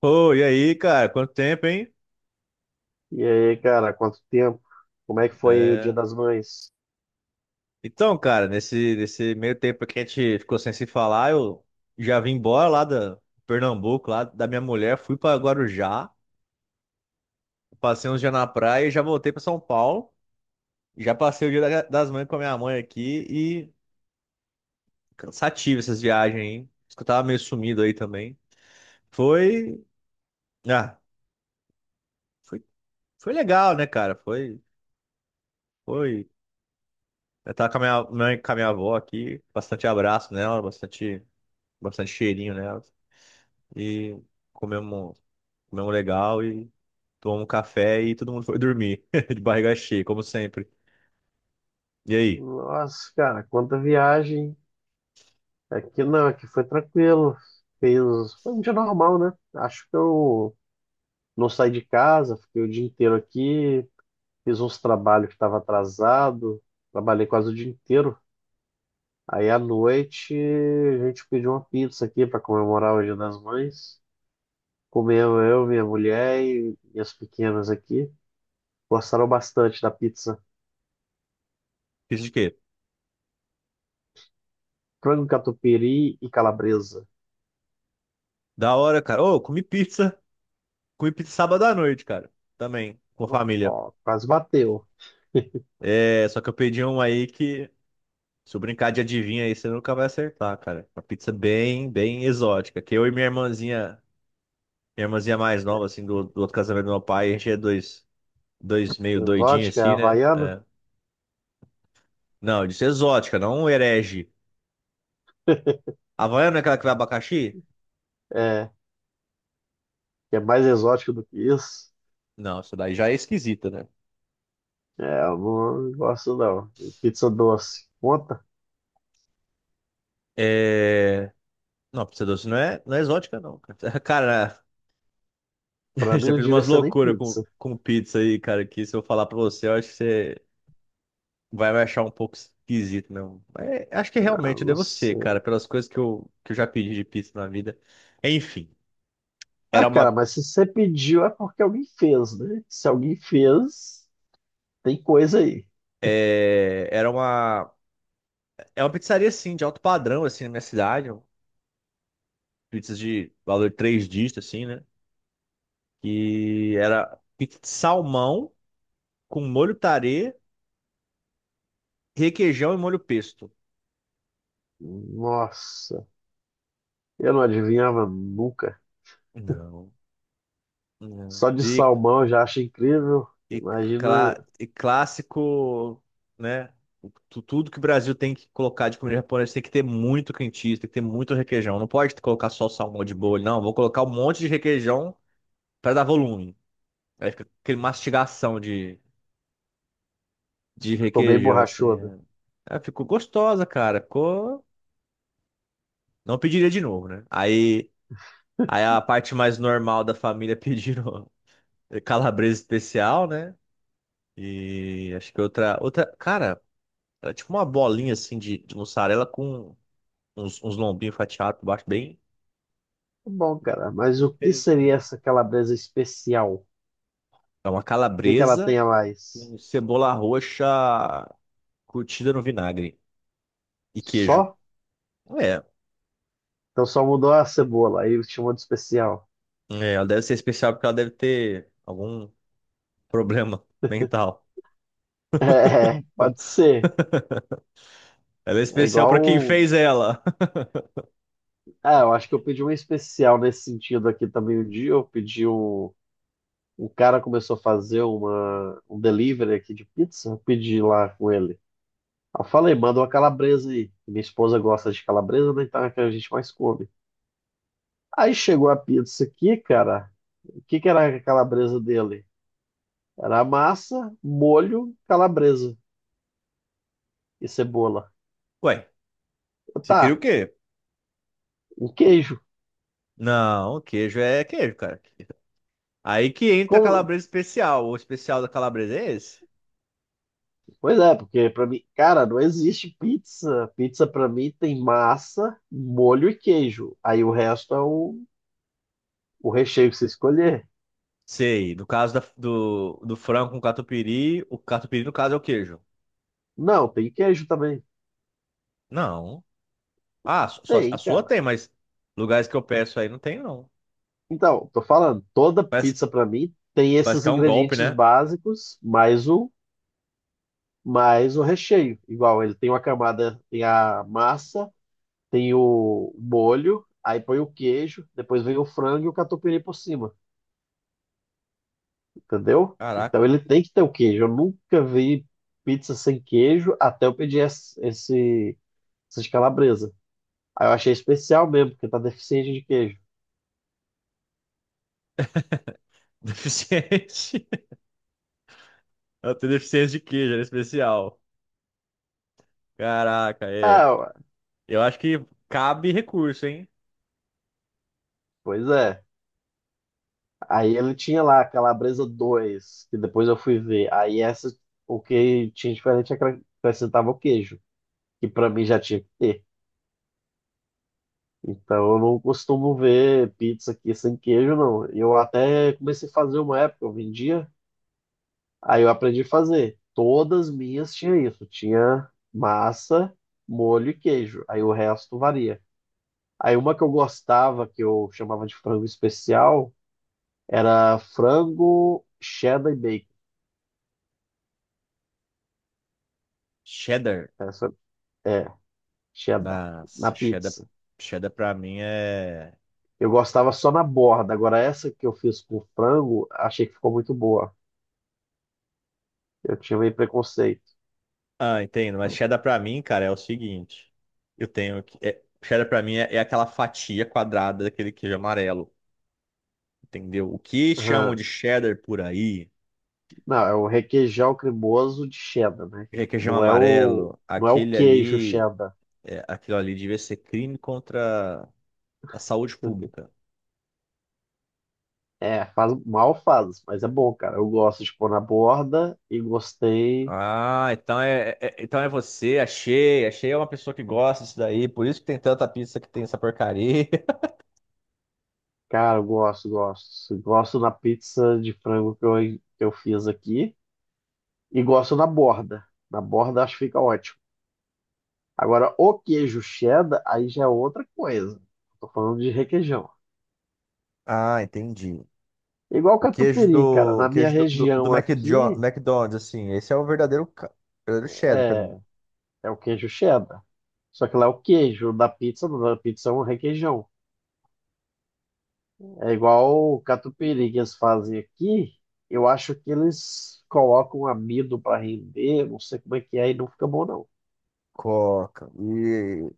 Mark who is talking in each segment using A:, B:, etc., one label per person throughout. A: Ô, e aí, cara? Quanto tempo, hein?
B: E aí, cara, quanto tempo? Como é que foi aí o Dia
A: É.
B: das Mães?
A: Então, cara, nesse meio tempo que a gente ficou sem se falar, eu já vim embora lá da Pernambuco, lá da minha mulher, fui pra Guarujá, passei uns dias na praia e já voltei pra São Paulo. Já passei o dia das mães com a minha mãe aqui e cansativo essas viagens, hein? Acho que eu tava meio sumido aí também. Foi. Ah, foi, foi legal, né, cara? Foi. Foi. Eu tava com a minha mãe, com a minha avó aqui, bastante abraço nela, bastante cheirinho nelas. E comemos, comemos legal e tomamos um café e todo mundo foi dormir de barriga cheia, como sempre. E aí,
B: Nossa, cara, quanta viagem. Aqui não, aqui foi tranquilo. Foi um dia normal, né? Acho que eu não saí de casa, fiquei o dia inteiro aqui, fiz uns trabalhos que estava atrasado, trabalhei quase o dia inteiro. Aí à noite a gente pediu uma pizza aqui para comemorar o Dia das Mães. Comeu eu, minha mulher e minhas pequenas aqui. Gostaram bastante da pizza.
A: pizza de quê?
B: Frango catupiry e calabresa.
A: Da hora, cara. Ô, comi pizza. Comi pizza sábado à noite, cara. Também, com a família.
B: Ó, quase bateu.
A: É, só que eu pedi um aí que, se eu brincar de adivinha aí, você nunca vai acertar, cara. Uma pizza bem, bem exótica. Que eu e minha irmãzinha mais nova, assim, do outro casamento do meu pai, a gente é dois meio doidinhos,
B: Exótica,
A: assim, né?
B: havaiana?
A: É. Não, eu disse exótica, não um herege. Havaiana não é aquela que vai abacaxi?
B: É, que é mais exótico do que isso.
A: Não, isso daí já é esquisita, né?
B: É, eu não gosto não. E pizza doce. Conta?
A: É... Não, pizza doce não é exótica, não. Cara. Cara,
B: Pra mim
A: já
B: não
A: fiz
B: devia
A: umas
B: ser nem
A: loucuras com,
B: pizza.
A: com pizza aí, cara, que se eu falar pra você, eu acho que você vai me achar um pouco esquisito não? Mas acho que
B: Ah,
A: realmente eu
B: não
A: devo ser,
B: sei.
A: cara, pelas coisas que eu já pedi de pizza na vida. Enfim,
B: Ah,
A: era
B: cara,
A: uma...
B: mas se você pediu é porque alguém fez, né? Se alguém fez, tem coisa aí.
A: É... Era uma... É uma pizzaria, assim, de alto padrão, assim, na minha cidade. Pizzas de valor três dígitos, assim, né? E era pizza de salmão com molho tarê, requeijão e molho pesto.
B: Nossa, eu não adivinhava nunca.
A: Não, não.
B: Só de salmão eu já acho incrível.
A: E,
B: Imagina,
A: e clássico, né? Tudo que o Brasil tem que colocar de comida japonesa tem que ter muito cream cheese, tem que ter muito requeijão. Não pode colocar só salmão de bolho, não. Vou colocar um monte de requeijão para dar volume. Aí fica aquele mastigação de
B: ficou bem
A: requeijão,
B: borrachuda.
A: assim. Ela ficou gostosa, cara. Ficou. Não pediria de novo, né? Aí a parte mais normal da família pediram calabresa especial, né? E acho que outra, cara, era tipo uma bolinha assim de mussarela com uns lombinhos fatiados por baixo, bem
B: Tá bom, cara, mas
A: bem
B: o que
A: diferentinho.
B: seria essa calabresa especial? O
A: É uma
B: que que ela
A: calabresa
B: tem a mais?
A: com cebola roxa curtida no vinagre e queijo.
B: Só?
A: É,
B: Então só mudou a cebola, aí chamou de especial.
A: ela deve ser especial porque ela deve ter algum problema mental.
B: É, pode ser.
A: Ela é
B: É
A: especial pra
B: igual.
A: quem
B: o-
A: fez ela.
B: Ah, eu acho que eu pedi um especial nesse sentido aqui também um dia. Eu pedi um. O cara começou a fazer um delivery aqui de pizza. Eu pedi lá com ele. Eu falei, manda uma calabresa aí. Minha esposa gosta de calabresa, né? Então é a que a gente mais come. Aí chegou a pizza aqui, cara. O que que era a calabresa dele? Era massa, molho, calabresa e cebola.
A: Ué, você queria o
B: Tá,
A: quê?
B: um queijo.
A: Não, queijo é queijo, cara. Aí que entra a
B: Como...
A: calabresa especial. O especial da calabresa é esse?
B: Pois é, porque pra mim, cara, não existe pizza. Pizza pra mim tem massa, molho e queijo. Aí o resto é o recheio que você escolher.
A: Sei. No caso do frango com catupiry, o catupiry no caso é o queijo.
B: Não, tem queijo também.
A: Não. Ah, só, a
B: Tem,
A: sua
B: cara.
A: tem, mas lugares que eu peço aí não tem, não.
B: Então, tô falando, toda
A: Parece, que-
B: pizza pra mim tem
A: parece
B: esses
A: que é um golpe,
B: ingredientes
A: né?
B: básicos, mais o recheio. Igual, ele tem uma camada, tem a massa, tem o molho, aí põe o queijo, depois vem o frango e o catupiry por cima, entendeu?
A: Caraca.
B: Então ele tem que ter o queijo. Eu nunca vi pizza sem queijo até eu pedir essas calabresas. Aí eu achei especial mesmo, porque tá deficiente de queijo.
A: Deficiente. Eu tenho deficiência de queijo, era especial. Caraca, é.
B: Ah, ué,
A: Eu acho que cabe recurso, hein?
B: pois é. Aí ele tinha lá a calabresa 2 que depois eu fui ver. Aí essa, o que tinha diferente é que ela acrescentava o queijo, que pra mim já tinha que ter. Então eu não costumo ver pizza aqui sem queijo, não. Eu até comecei a fazer uma época, eu vendia, aí eu aprendi a fazer. Todas minhas tinha isso, tinha massa, molho e queijo. Aí o resto varia. Aí uma que eu gostava, que eu chamava de frango especial, era frango cheddar e bacon.
A: Cheddar.
B: Essa é cheddar na
A: Nossa, cheddar,
B: pizza.
A: cheddar pra mim é.
B: Eu gostava só na borda. Agora essa que eu fiz com frango, achei que ficou muito boa. Eu tinha meio preconceito.
A: Ah, entendo. Mas cheddar pra mim, cara, é o seguinte. Eu tenho que. É, cheddar pra mim é aquela fatia quadrada daquele queijo amarelo. Entendeu? O que chamam
B: Aham.
A: de cheddar por aí
B: Não, é o requeijão cremoso de cheddar, né?
A: é queijo
B: Não é o,
A: amarelo.
B: não é o
A: Aquele
B: queijo
A: ali.
B: cheddar.
A: Aquilo ali devia ser crime contra a saúde pública.
B: É, faz mal faz, mas é bom, cara. Eu gosto de pôr na borda e gostei.
A: Ah, então é você, achei. Achei é uma pessoa que gosta disso daí. Por isso que tem tanta pizza que tem essa porcaria.
B: Cara, eu gosto, gosto. Gosto na pizza de frango que eu fiz aqui e gosto na borda. Na borda acho que fica ótimo. Agora, o queijo cheddar, aí já é outra coisa. Tô falando de requeijão.
A: Ah, entendi.
B: Igual
A: O queijo
B: catupiry, cara.
A: do, o
B: Na minha
A: queijo do, do, do
B: região aqui,
A: McDonald's, assim, esse é o verdadeiro cheddar pra mim.
B: é, é o queijo cheddar. Só que lá é o queijo da pizza é um requeijão. É igual o catupiry que eles fazem aqui. Eu acho que eles colocam amido para render, não sei como é que é, e não fica bom, não.
A: Coca. E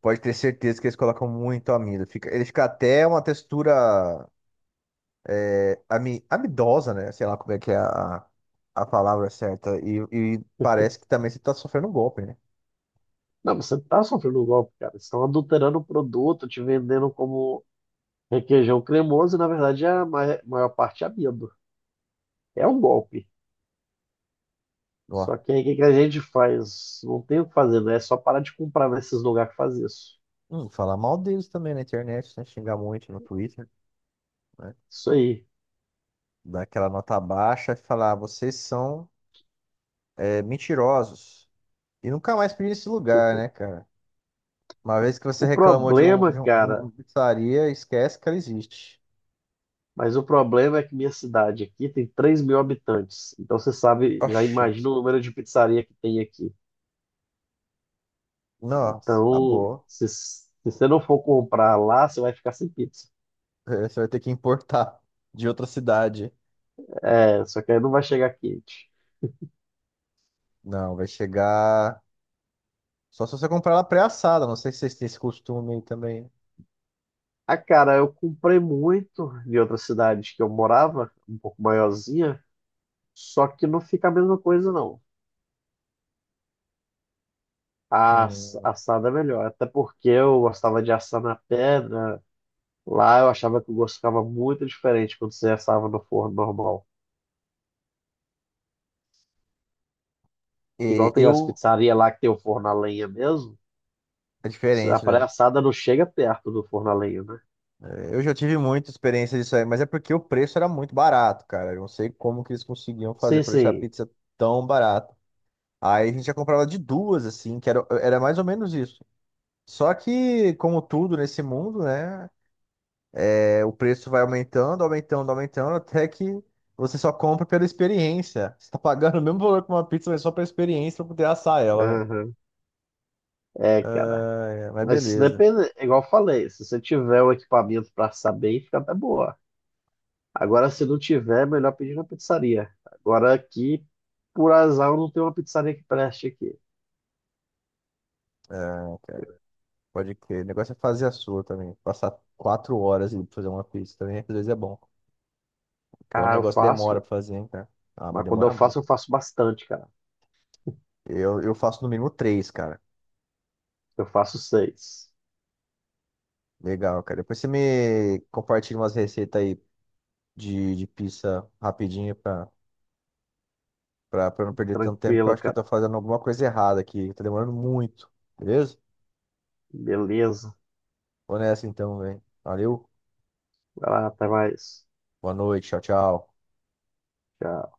A: pode ter certeza que eles colocam muito amido. Ele fica até uma textura amidosa, né? Sei lá como é que é a palavra certa. E parece que também você tá sofrendo um golpe, né?
B: Não, você tá sofrendo um golpe, cara. Eles estão adulterando o produto, te vendendo como requeijão cremoso, e na verdade a maior parte é amido. É um golpe.
A: Ó.
B: Só que aí o que que a gente faz? Não tem o que fazer, né? É só parar de comprar nesses lugares que faz isso.
A: Falar mal deles também na internet, né? Xingar muito no Twitter, né?
B: Isso aí.
A: Dar aquela nota baixa e falar, vocês são mentirosos. E nunca mais pedi nesse lugar, né, cara? Uma vez que você
B: O
A: reclamou de, um,
B: problema,
A: de, um- de
B: cara.
A: uma pizzaria, esquece que ela existe.
B: Mas o problema é que minha cidade aqui tem 3.000 habitantes. Então você sabe, já
A: Oxi,
B: imagina o número de pizzaria que tem aqui.
A: nossa,
B: Então,
A: acabou.
B: se você não for comprar lá, você vai ficar sem pizza.
A: Você vai ter que importar de outra cidade.
B: É, só que aí não vai chegar quente.
A: Não, vai chegar. Só se você comprar ela pré-assada. Não sei se vocês têm esse costume aí também.
B: Ah, cara, eu comprei muito de outra cidade que eu morava, um pouco maiorzinha, só que não fica a mesma coisa, não. A
A: Hum.
B: assada é melhor, até porque eu gostava de assar na pedra. Lá eu achava que o gosto ficava muito diferente quando você assava no forno normal.
A: E
B: Igual tem as
A: eu.
B: pizzarias lá que tem o forno a lenha mesmo.
A: É
B: A
A: diferente,
B: praia
A: né?
B: assada não chega perto do forno a lenha, né?
A: Eu já tive muita experiência disso aí, mas é porque o preço era muito barato, cara. Eu não sei como que eles conseguiam fazer
B: Sim,
A: pra deixar a
B: sim.
A: pizza tão barata. Aí a gente já comprava de duas, assim, que era mais ou menos isso. Só que, como tudo nesse mundo, né? O preço vai aumentando, aumentando, aumentando, até que você só compra pela experiência. Você tá pagando o mesmo valor que uma pizza, mas só pela experiência pra poder assar ela, né?
B: Aham. É, cara.
A: Ah, é, mas
B: Mas se
A: beleza.
B: depende, é igual eu falei, se você tiver o equipamento pra saber, fica até boa. Agora, se não tiver, é melhor pedir na pizzaria. Agora aqui, por azar, eu não tenho uma pizzaria que preste aqui.
A: Ah, cara, pode crer. O negócio é fazer a sua também. Passar 4 horas ali pra fazer uma pizza também, às vezes é bom. Porque o
B: Ah, eu
A: negócio demora
B: faço,
A: pra fazer, hein, cara? Ah, mas
B: mas quando
A: demora
B: eu
A: muito.
B: faço bastante, cara.
A: Eu faço no mínimo três, cara.
B: Eu faço seis.
A: Legal, cara. Depois você me compartilha umas receitas aí de pizza rapidinho pra eu não perder tanto tempo, que eu
B: Tranquilo,
A: acho que eu tô
B: cara.
A: fazendo alguma coisa errada aqui. Tá demorando muito, beleza?
B: Beleza.
A: Vou nessa então, velho. Valeu,
B: Vai lá, até mais.
A: boa noite, tchau, tchau.
B: Tchau.